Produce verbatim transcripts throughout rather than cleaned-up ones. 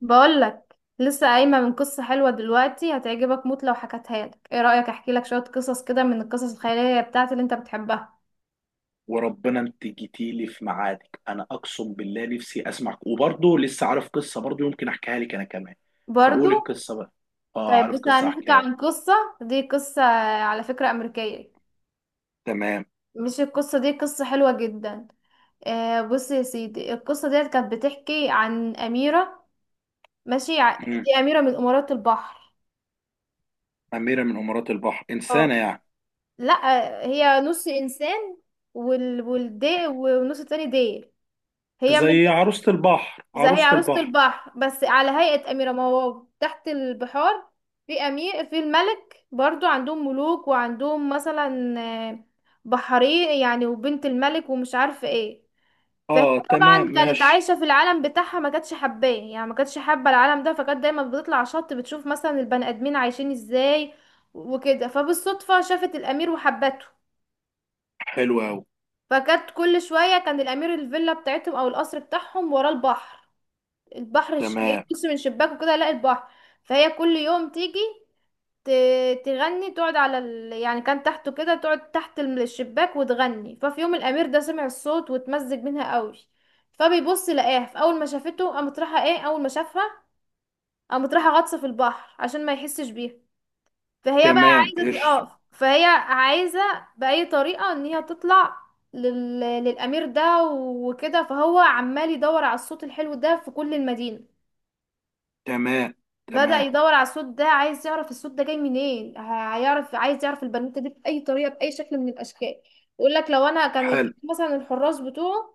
بقولك لسه قايمة من قصة حلوة دلوقتي هتعجبك موت لو حكتها لك. ايه رأيك احكي لك شوية قصص كده من القصص الخيالية بتاعتي اللي انت بتحبها؟ وربنا انت جيتيلي في ميعادك. انا اقسم بالله نفسي اسمعك، وبرضه لسه عارف قصه برضه يمكن احكيها لك انا كمان. برضو. فقول القصه بقى. اه، طيب عارف بص، قصه هنحكي احكيها لك. عن قصة. دي قصة على فكرة أمريكية. تمام. مش القصة دي قصة حلوة جدا؟ آه بص يا سيدي، القصة ديت كانت بتحكي عن أميرة. ماشي، ع- مم. دي أميرة من أمارات البحر. اميره من امارات البحر، انسانه اه، يعني؟ لا هي نص إنسان وال... والدي والنص التاني ديل هي من، زي عروسه البحر، زي عروسه عروسة البحر. البحر بس على هيئة أميرة مواو تحت البحار. في أمير، في الملك برضو عندهم ملوك وعندهم مثلا، آه، بحري يعني، وبنت الملك، ومش عارفة ايه. فهي اه تمام، طبعا كانت ماشي. عايشة في العالم بتاعها، ما كانتش حباه، يعني ما كانتش حابة العالم ده، فكانت دايما بتطلع على الشط بتشوف مثلا البني آدمين عايشين ازاي وكده. فبالصدفة شافت الأمير وحبته. حلو قوي. فكانت كل شوية، كان الأمير الفيلا بتاعتهم أو القصر بتاعهم ورا البحر. البحر الش- هي تمام. بص من شباك وكده الاقي البحر. فهي كل يوم تيجي ت- تغني، تقعد على ال... يعني كان تحته كده، تقعد تحت الم- الشباك وتغني. ففي يوم الامير ده سمع الصوت واتمزج منها قوي. فبيبص لقاها، فاول ما شافته قامت رايحه ايه، اول ما شافها قامت رايحه غطسه في البحر عشان ما يحسش بيها. فهي بقى تمام عايزه تت- ايش؟ اه فهي عايزه باي طريقه ان هي تطلع لل... للامير ده وكده. فهو عمال يدور على الصوت الحلو ده في كل المدينه. تمام. بدأ تمام. يدور على الصوت ده، عايز يعرف الصوت ده جاي منين، ه- هيعرف، عايز يعرف البنوتة دي بأي طريقة، بأي شكل من الأشكال. يقول لك لو أنا كان حلو. يك- مثلا الحراس بتوعه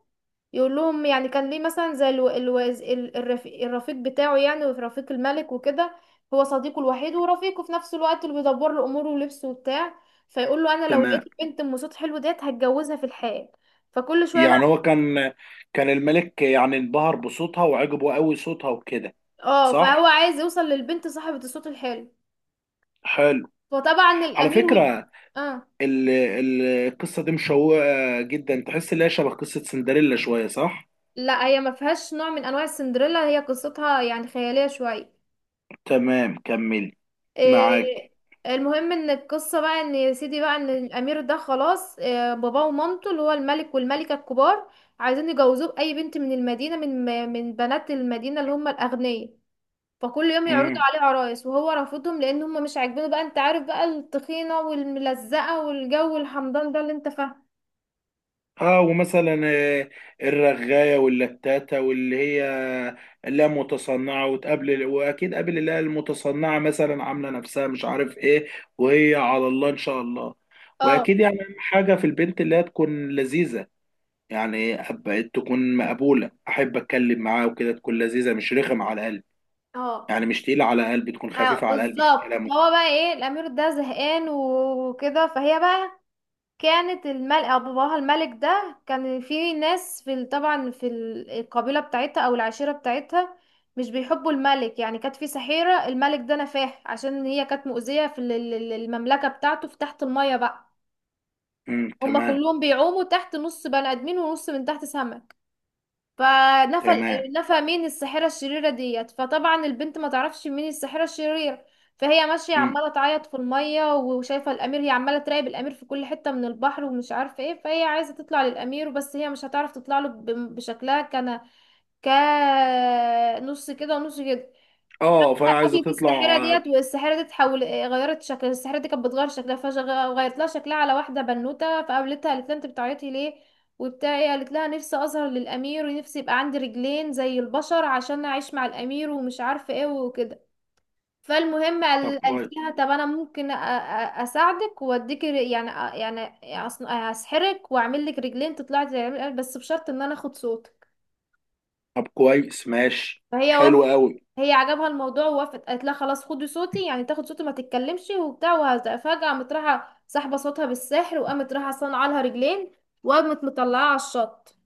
يقول لهم. يعني كان ليه مثلا زي الو... الوز... ال- الرفيق... الرفيق بتاعه، يعني ورفيق الملك وكده. هو صديقه الوحيد ورفيقه في نفس الوقت، اللي بيدبر له أموره ولبسه وبتاع. فيقول له: أنا لو لقيت تمام، البنت أم صوت حلو ديت هتجوزها في الحال. فكل شوية يعني بقى، هو كان، كان الملك يعني انبهر بصوتها وعجبه قوي صوتها وكده. اه، فهو صح. عايز يوصل للبنت صاحبة الصوت الحلو. حلو. فطبعا على الأمير وال، فكرة اه ال- ال- القصة دي مشوقة جدا، تحس ان هي شبه قصة سندريلا شوية صح؟ لا هي ما فيهاش نوع من انواع السندريلا، هي قصتها يعني خياليه شويه. تمام، كملي. معاك. إيه المهم ان القصه بقى، ان يا سيدي بقى ان الامير ده خلاص، إيه، باباه ومامته اللي هو الملك والملكه الكبار عايزين يجوزوه باي بنت من المدينه، من من بنات المدينه اللي هم الاغنياء. فكل يوم يعرضوا مم. عليه عرايس وهو رافضهم لان هم مش عاجبينه بقى. انت عارف بقى، التخينه والملزقه والجو الحمضان ده اللي انت فاهمه. اه، ومثلا آه، الرغاية واللتاتة واللي هي، لا، متصنعة. وتقابل واكيد قابل اللي هي المتصنعة، مثلا عاملة نفسها مش عارف ايه وهي على الله ان شاء الله. واكيد اه. يعني اهم حاجة في البنت اللي هي تكون لذيذة. يعني أب- تكون مقبولة، احب اتكلم معاها وكده، تكون لذيذة، مش رخم على القلب. اه. يعني مش تقيلة على قلبي، تكون اه خفيفة على قلبي في بالظبط. الكلام وكده. فهو بقى ايه، الامير ده زهقان وكده. فهي بقى، كانت الملك او باباها الملك ده كان في ناس في ال- طبعا في ال- القبيله بتاعتها او العشيره بتاعتها مش بيحبوا الملك، يعني كانت في سحيره الملك ده نفاه عشان هي كانت مؤذيه في ال- ال- المملكه بتاعته في تحت الميه بقى. امم، هما تمام. كلهم بيعوموا تحت، نص بني ادمين ونص من تحت سمك. فنفى تمام. ال- نفى مين؟ الساحرة الشريرة ديت. فطبعا البنت ما تعرفش مين الساحرة الشريرة. فهي ماشية امم. عمالة تعيط في المية وشايفة الأمير، هي عمالة تراقب الأمير في كل حتة من البحر ومش عارفة ايه. فهي عايزة تطلع للأمير بس هي مش هتعرف تطلع له ب- بشكلها، كان كنص كده ونص كده. اه، فهي عايزة قفلت تطلع الساحرة آه، ديت، والساحرة دي تحول، إيه، غيرت شكل الساحرة دي، كانت بتغير شكلها، فغيرت لها شكلها على واحدة بنوتة. فقابلتها قالت لها: انت بتعيطي ليه وبتاع إيه، قالت لها: نفسي اظهر للامير، ونفسي يبقى عندي رجلين زي البشر عشان اعيش مع الامير ومش عارفة ايه وكده. فالمهم طب قال- قالت كويس. لها: طب انا ممكن أ- أ- اساعدك واديك ر- يعني أ- يعني أصن- اسحرك واعمل لك رجلين تطلعي تعملي- بس بشرط ان انا اخد صوتك. طب كويس، ماشي، فهي حلو قوي. هي عجبها الموضوع ووافقت، قالت لها: خلاص خدي صوتي، يعني تاخد صوتي ما تتكلمش وبتاع. وهذا فجأة قامت رايحة ساحبة صوتها بالسحر، وقامت رايحة صانعة لها رجلين، وقامت مطلعاها على الشط.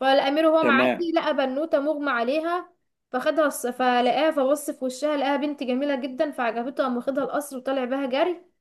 فالأمير وهو تمام. معدي لقى بنوتة مغمى عليها. فخدها الس- فلقاها، فبص في وشها لقاها بنت جميلة جدا، فعجبته، قام واخدها القصر وطلع بها جري،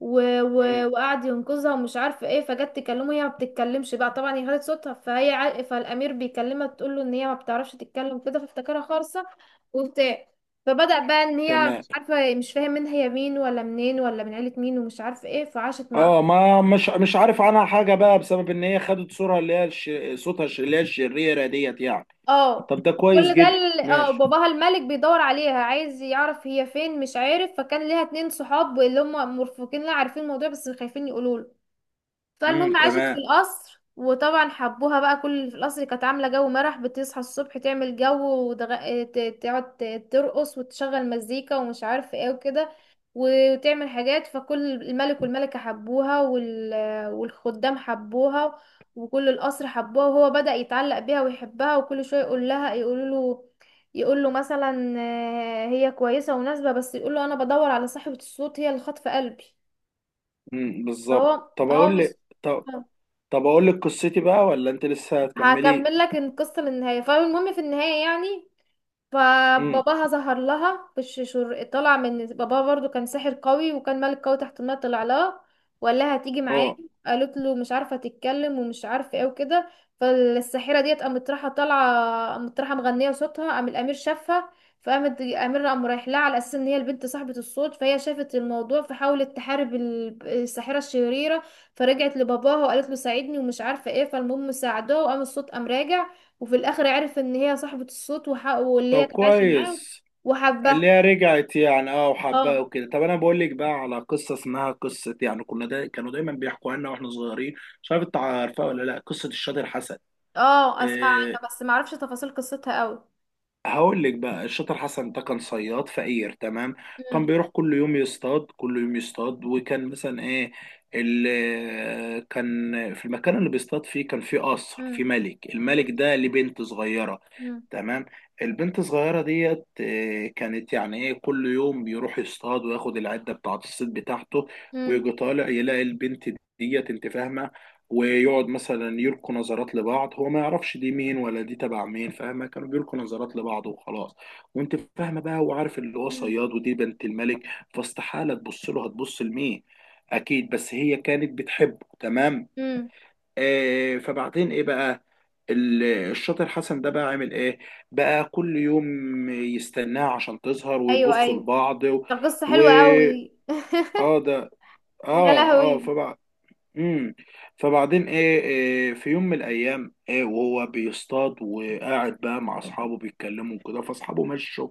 و... امم. و... وقعد ينقذها، ومش عارفه ايه. فجت تكلمه، هي ما بتتكلمش بقى طبعا، هي خدت صوتها. فهي ع... فالامير بيكلمها، تقول له ان هي ما بتعرفش تتكلم كده، فافتكرها خالصه وبتاع. فبدأ بقى ان هي تمام. مش عارفه، مش فاهم منها هي مين ولا منين ولا من عيله مين ومش عارفه ايه. فعاشت مع، اه، ما مش، مش عارف عنها حاجة بقى بسبب ان هي خدت صورة اللي هي الش... صوتها الش- اللي هي الشريرة ديت يعني. اه. طب ده كويس وكل ده جدا، ال- اه ماشي. باباها الملك بيدور عليها عايز يعرف هي فين، مش عارف. فكان ليها اتنين صحاب اللي هم مرفقين لها، عارفين الموضوع بس خايفين يقولوا له. امم، فالمهم عاشت في تمام. القصر، وطبعا حبوها بقى، كل اللي في القصر، كانت عاملة جو مرح، بتصحى الصبح تعمل جو وتغ- ت- تقعد ت- ترقص وتشغل مزيكا ومش عارفة ايه وكده، وتعمل حاجات. فكل الملك والملكة حبوها، وال... والخدام حبوها، وكل القصر حبوها. وهو بدأ يتعلق بيها ويحبها، وكل شوية يقول لها، يقول له، يقول له مثلا آه، هي كويسة ومناسبة بس يقول له: انا بدور على صاحبة الصوت، هي اللي خاطفة قلبي. امم بالظبط. فهو طب اه اقول مش، لك، طب، طب اقول لك قصتي بقى ولا انت لسه هتكملي؟ هكمل لك القصة للنهاية. فالمهم في النهاية يعني، امم. فباباها ظهر لها بش شر... طلع من باباها برضو كان ساحر قوي وكان ملك قوي تحت الماء، طلع لها وقال لها: هتيجي معايا. اه. قالت له مش عارفه تتكلم ومش عارفه ايه وكده. فالساحره ديت قامت رايحه طالعه، قامت رايحه مغنيه صوتها، قام الامير شافها. فقامت الامير قام رايح لها على اساس ان هي البنت صاحبه الصوت. فهي شافت الموضوع فحاولت تحارب ال- الساحره الشريره. فرجعت لباباها وقالت له ساعدني ومش عارفه ايه. فالمهم ساعدوها وقام الصوت قام راجع، وفي الاخر عرف ان هي صاحبة الصوت وح... واللي طب هي كانت عايشة معاه كويس. اللي وحبها. هي رجعت يعني، اه، وحباه اه. وكده. طب انا بقول لك بقى على قصه اسمها قصه، يعني كنا دا كانوا دايما بيحكوا عنها واحنا صغيرين. مش عارف انت عارفها ولا لا، قصه الشاطر حسن. اه اسمع آه، عنها بس ما اعرفش تفاصيل قصتها قوي. هقول لك بقى. الشاطر حسن ده كان صياد فقير، تمام. كان امم. بيروح كل يوم يصطاد، كل يوم يصطاد، وكان مثلا ايه، اللي كان في المكان اللي بيصطاد فيه كان فيه قصر، فيه امم. ملك، الملك ده ليه بنت صغيرة، امم. تمام. البنت الصغيرة ديت إيه، كانت يعني ايه، كل يوم بيروح يصطاد وياخد العدة بتاعة الصيد بتاعته، امم. ويجي طالع يلاقي البنت ديت، انت فاهمة؟ ويقعد مثلا يلقوا نظرات لبعض، هو ما يعرفش دي مين ولا دي تبع مين، فاهمة؟ كانوا بيلقوا نظرات لبعض وخلاص. وانت فاهمة بقى، وعارف اللي هو امم. صياد ودي بنت الملك، فاستحالة تبص له، هتبص لمين؟ اكيد. بس هي كانت بتحبه، تمام. امم. آه، فبعدين ايه بقى، ال- الشاطر حسن ده بقى عامل ايه بقى؟ كل يوم يستناها عشان تظهر ايوه، ويبصوا ايوه، لبعض و... ده قصة و... حلوة قوي. اه ده. يا اه. اه لهوي. فبقى، امم، فبعدين ايه، إيه، في يوم من الايام، ايه، وهو بيصطاد وقاعد بقى مع اصحابه بيتكلموا وكده، فاصحابه مشوا.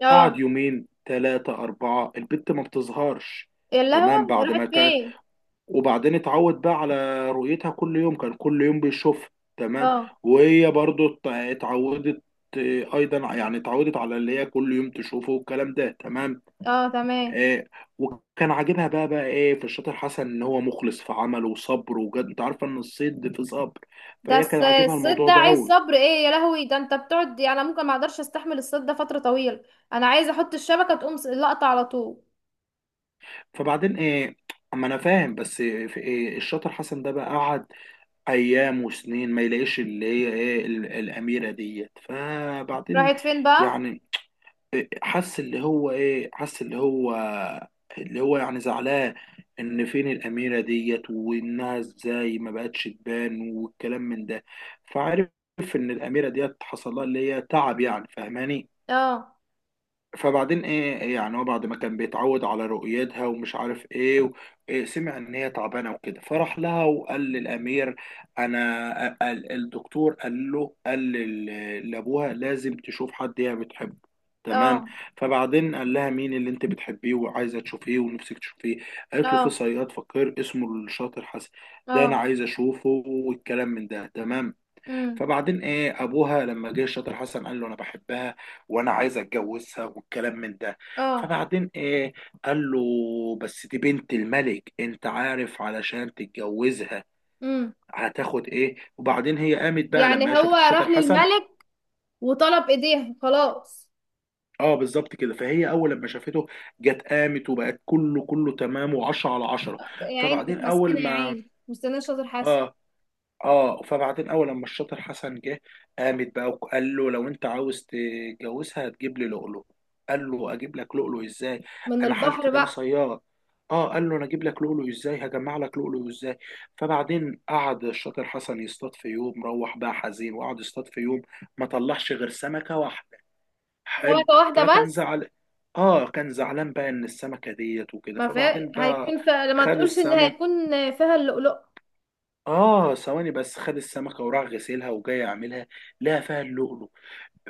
اه. قعد يومين ثلاثة أربعة البت ما بتظهرش. يا تمام لهوي، هي بعد راحت ما كان فين؟ وبعدين اتعود بقى على رؤيتها، كل يوم كان كل يوم بيشوفها، تمام. اه. وهي برضو ات- اتعودت إيه، ايضا يعني، اتعودت على اللي هي كل يوم تشوفه والكلام ده، تمام. اه. تمام. آه، وكان عاجبها بقى، بقى ايه في الشاطر حسن، ان هو مخلص في عمله وصبر وجد، انت عارفه ان الصيد في صبر. ده فهي كان الص- عاجبها الصيد الموضوع ده ده عايز قوي. صبر، ايه يا لهوي، ده انت بتقعد، يعني انا ممكن ما اقدرش استحمل الصيد ده فترة طويلة. انا عايزة احط الشبكة تقوم س- لقطة على طول. فبعدين ايه، اما انا فاهم بس في إيه، الشاطر حسن ده بقى قعد ايام وسنين ما يلاقيش اللي هي ايه، ال- الاميره ديت. فبعدين راحت فين بقى؟ يعني حس اللي هو ايه، حس اللي هو، اللي هو يعني زعلان، ان فين الاميره ديت، وانها ازاي ما بقتش تبان والكلام من ده. فعرف ان الاميره ديت حصل لها اللي هي تعب يعني، فاهماني؟ اه. فبعدين ايه، إيه يعني، هو بعد ما كان بيتعود على رؤيتها ومش عارف ايه، و... إيه، سمع ان هي تعبانه وكده، فراح لها وقال للامير، انا أ- ال- الدكتور قال له، قال لل- لابوها لازم تشوف حد هي بتحبه، تمام. اه. فبعدين قال لها مين اللي انت بتحبيه وعايزه تشوفيه ونفسك تشوفيه؟ قالت له في اه. صياد فقير اسمه الشاطر حسن، ده انا اه. عايزه اشوفه والكلام من ده، تمام. امم. فبعدين ايه، ابوها لما جه شاطر حسن قال له انا بحبها وانا عايز اتجوزها والكلام من ده. اه. فبعدين ايه، قال له بس دي بنت الملك، انت عارف علشان تتجوزها امم. هتاخد ايه؟ وبعدين هي قامت بقى لما هي يعني هو شافت راح شاطر حسن، للملك وطلب ايديها خلاص؟ اه بالظبط كده. فهي اول لما شافته جت قامت وبقت كله كله تمام وعشرة على عشرة. يا عيني فبعدين كانت اول مسكينه، يا ما عيني مستنيه شاطر حسن. اه اه فبعدين اول لما الشاطر حسن جه، قامت بقى وقال له لو انت عاوز تتجوزها هتجيب لي لؤلؤ. قال له اجيب لك لؤلؤ ازاي، من انا حالتي البحر ده انا بقى. صياد، اه. قال له انا اجيب لك لؤلؤ ازاي، هجمع لك لؤلؤ ازاي؟ فبعدين قعد الشاطر حسن يصطاد في يوم، روح بقى حزين وقعد يصطاد في يوم، ما طلعش غير سمكة واحدة، حلو. سمكه واحده فكان بس؟ زعل، اه، كان زعلان بقى ان السمكة ديت وكده. ما فيها، فبعدين بقى هيكون فيها، لما خد تقولش ان السمكة، هيكون فيها اللؤلؤ. اه ثواني بس، خد السمكه وراح غسلها وجاي اعملها، لقى فيها اللؤلؤ.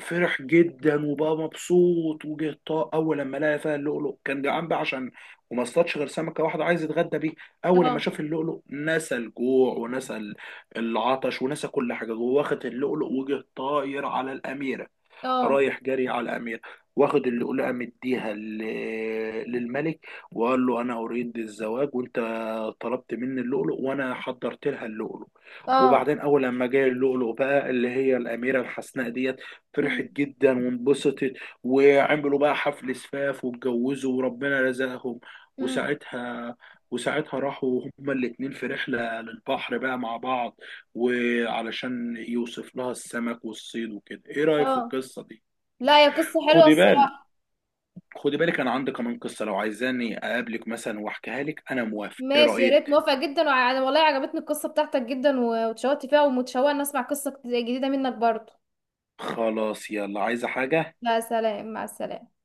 فرح جدا وبقى مبسوط وجه طاق. اول لما لقى فيها اللؤلؤ كان جعان بقى، عشان وما اصطادش غير سمكه واحده عايز يتغدى بيه. اول لما اه. شاف اللؤلؤ نسى الجوع ونسى ال- العطش ونسى كل حاجه جوه، واخد اللؤلؤ وجه طاير على الاميره، اه. رايح جري على الأمير. واخد اللؤلؤة مديها ل- للملك، وقال له أنا أريد الزواج وأنت طلبت مني اللؤلؤ وأنا حضرت لها اللؤلؤ. اه. وبعدين أول لما جاي اللؤلؤ بقى اللي هي الأميرة الحسناء ديت، فرحت امم. جدا وانبسطت. وعملوا بقى حفل زفاف واتجوزوا وربنا رزقهم. امم. وساعتها وساعتها راحوا هما الاتنين في رحلة للبحر بقى مع بعض، وعلشان يوصف لها السمك والصيد وكده. ايه رأيك في اه. القصة دي؟ لا يا، قصه حلوه خدي بالك، الصراحه. خدي بالك، انا عندي كمان قصه، لو عايزاني اقابلك مثلا واحكيها لك انا موافق. ايه ماشي يا ريت، رايك؟ موافقه جدا، وانا والله عجبتني القصه بتاعتك جدا، و- واتشوقت فيها ومتشوقه ان اسمع قصه جديده منك برضه. خلاص يلا، عايزه حاجه؟ لا سلام، مع السلامة.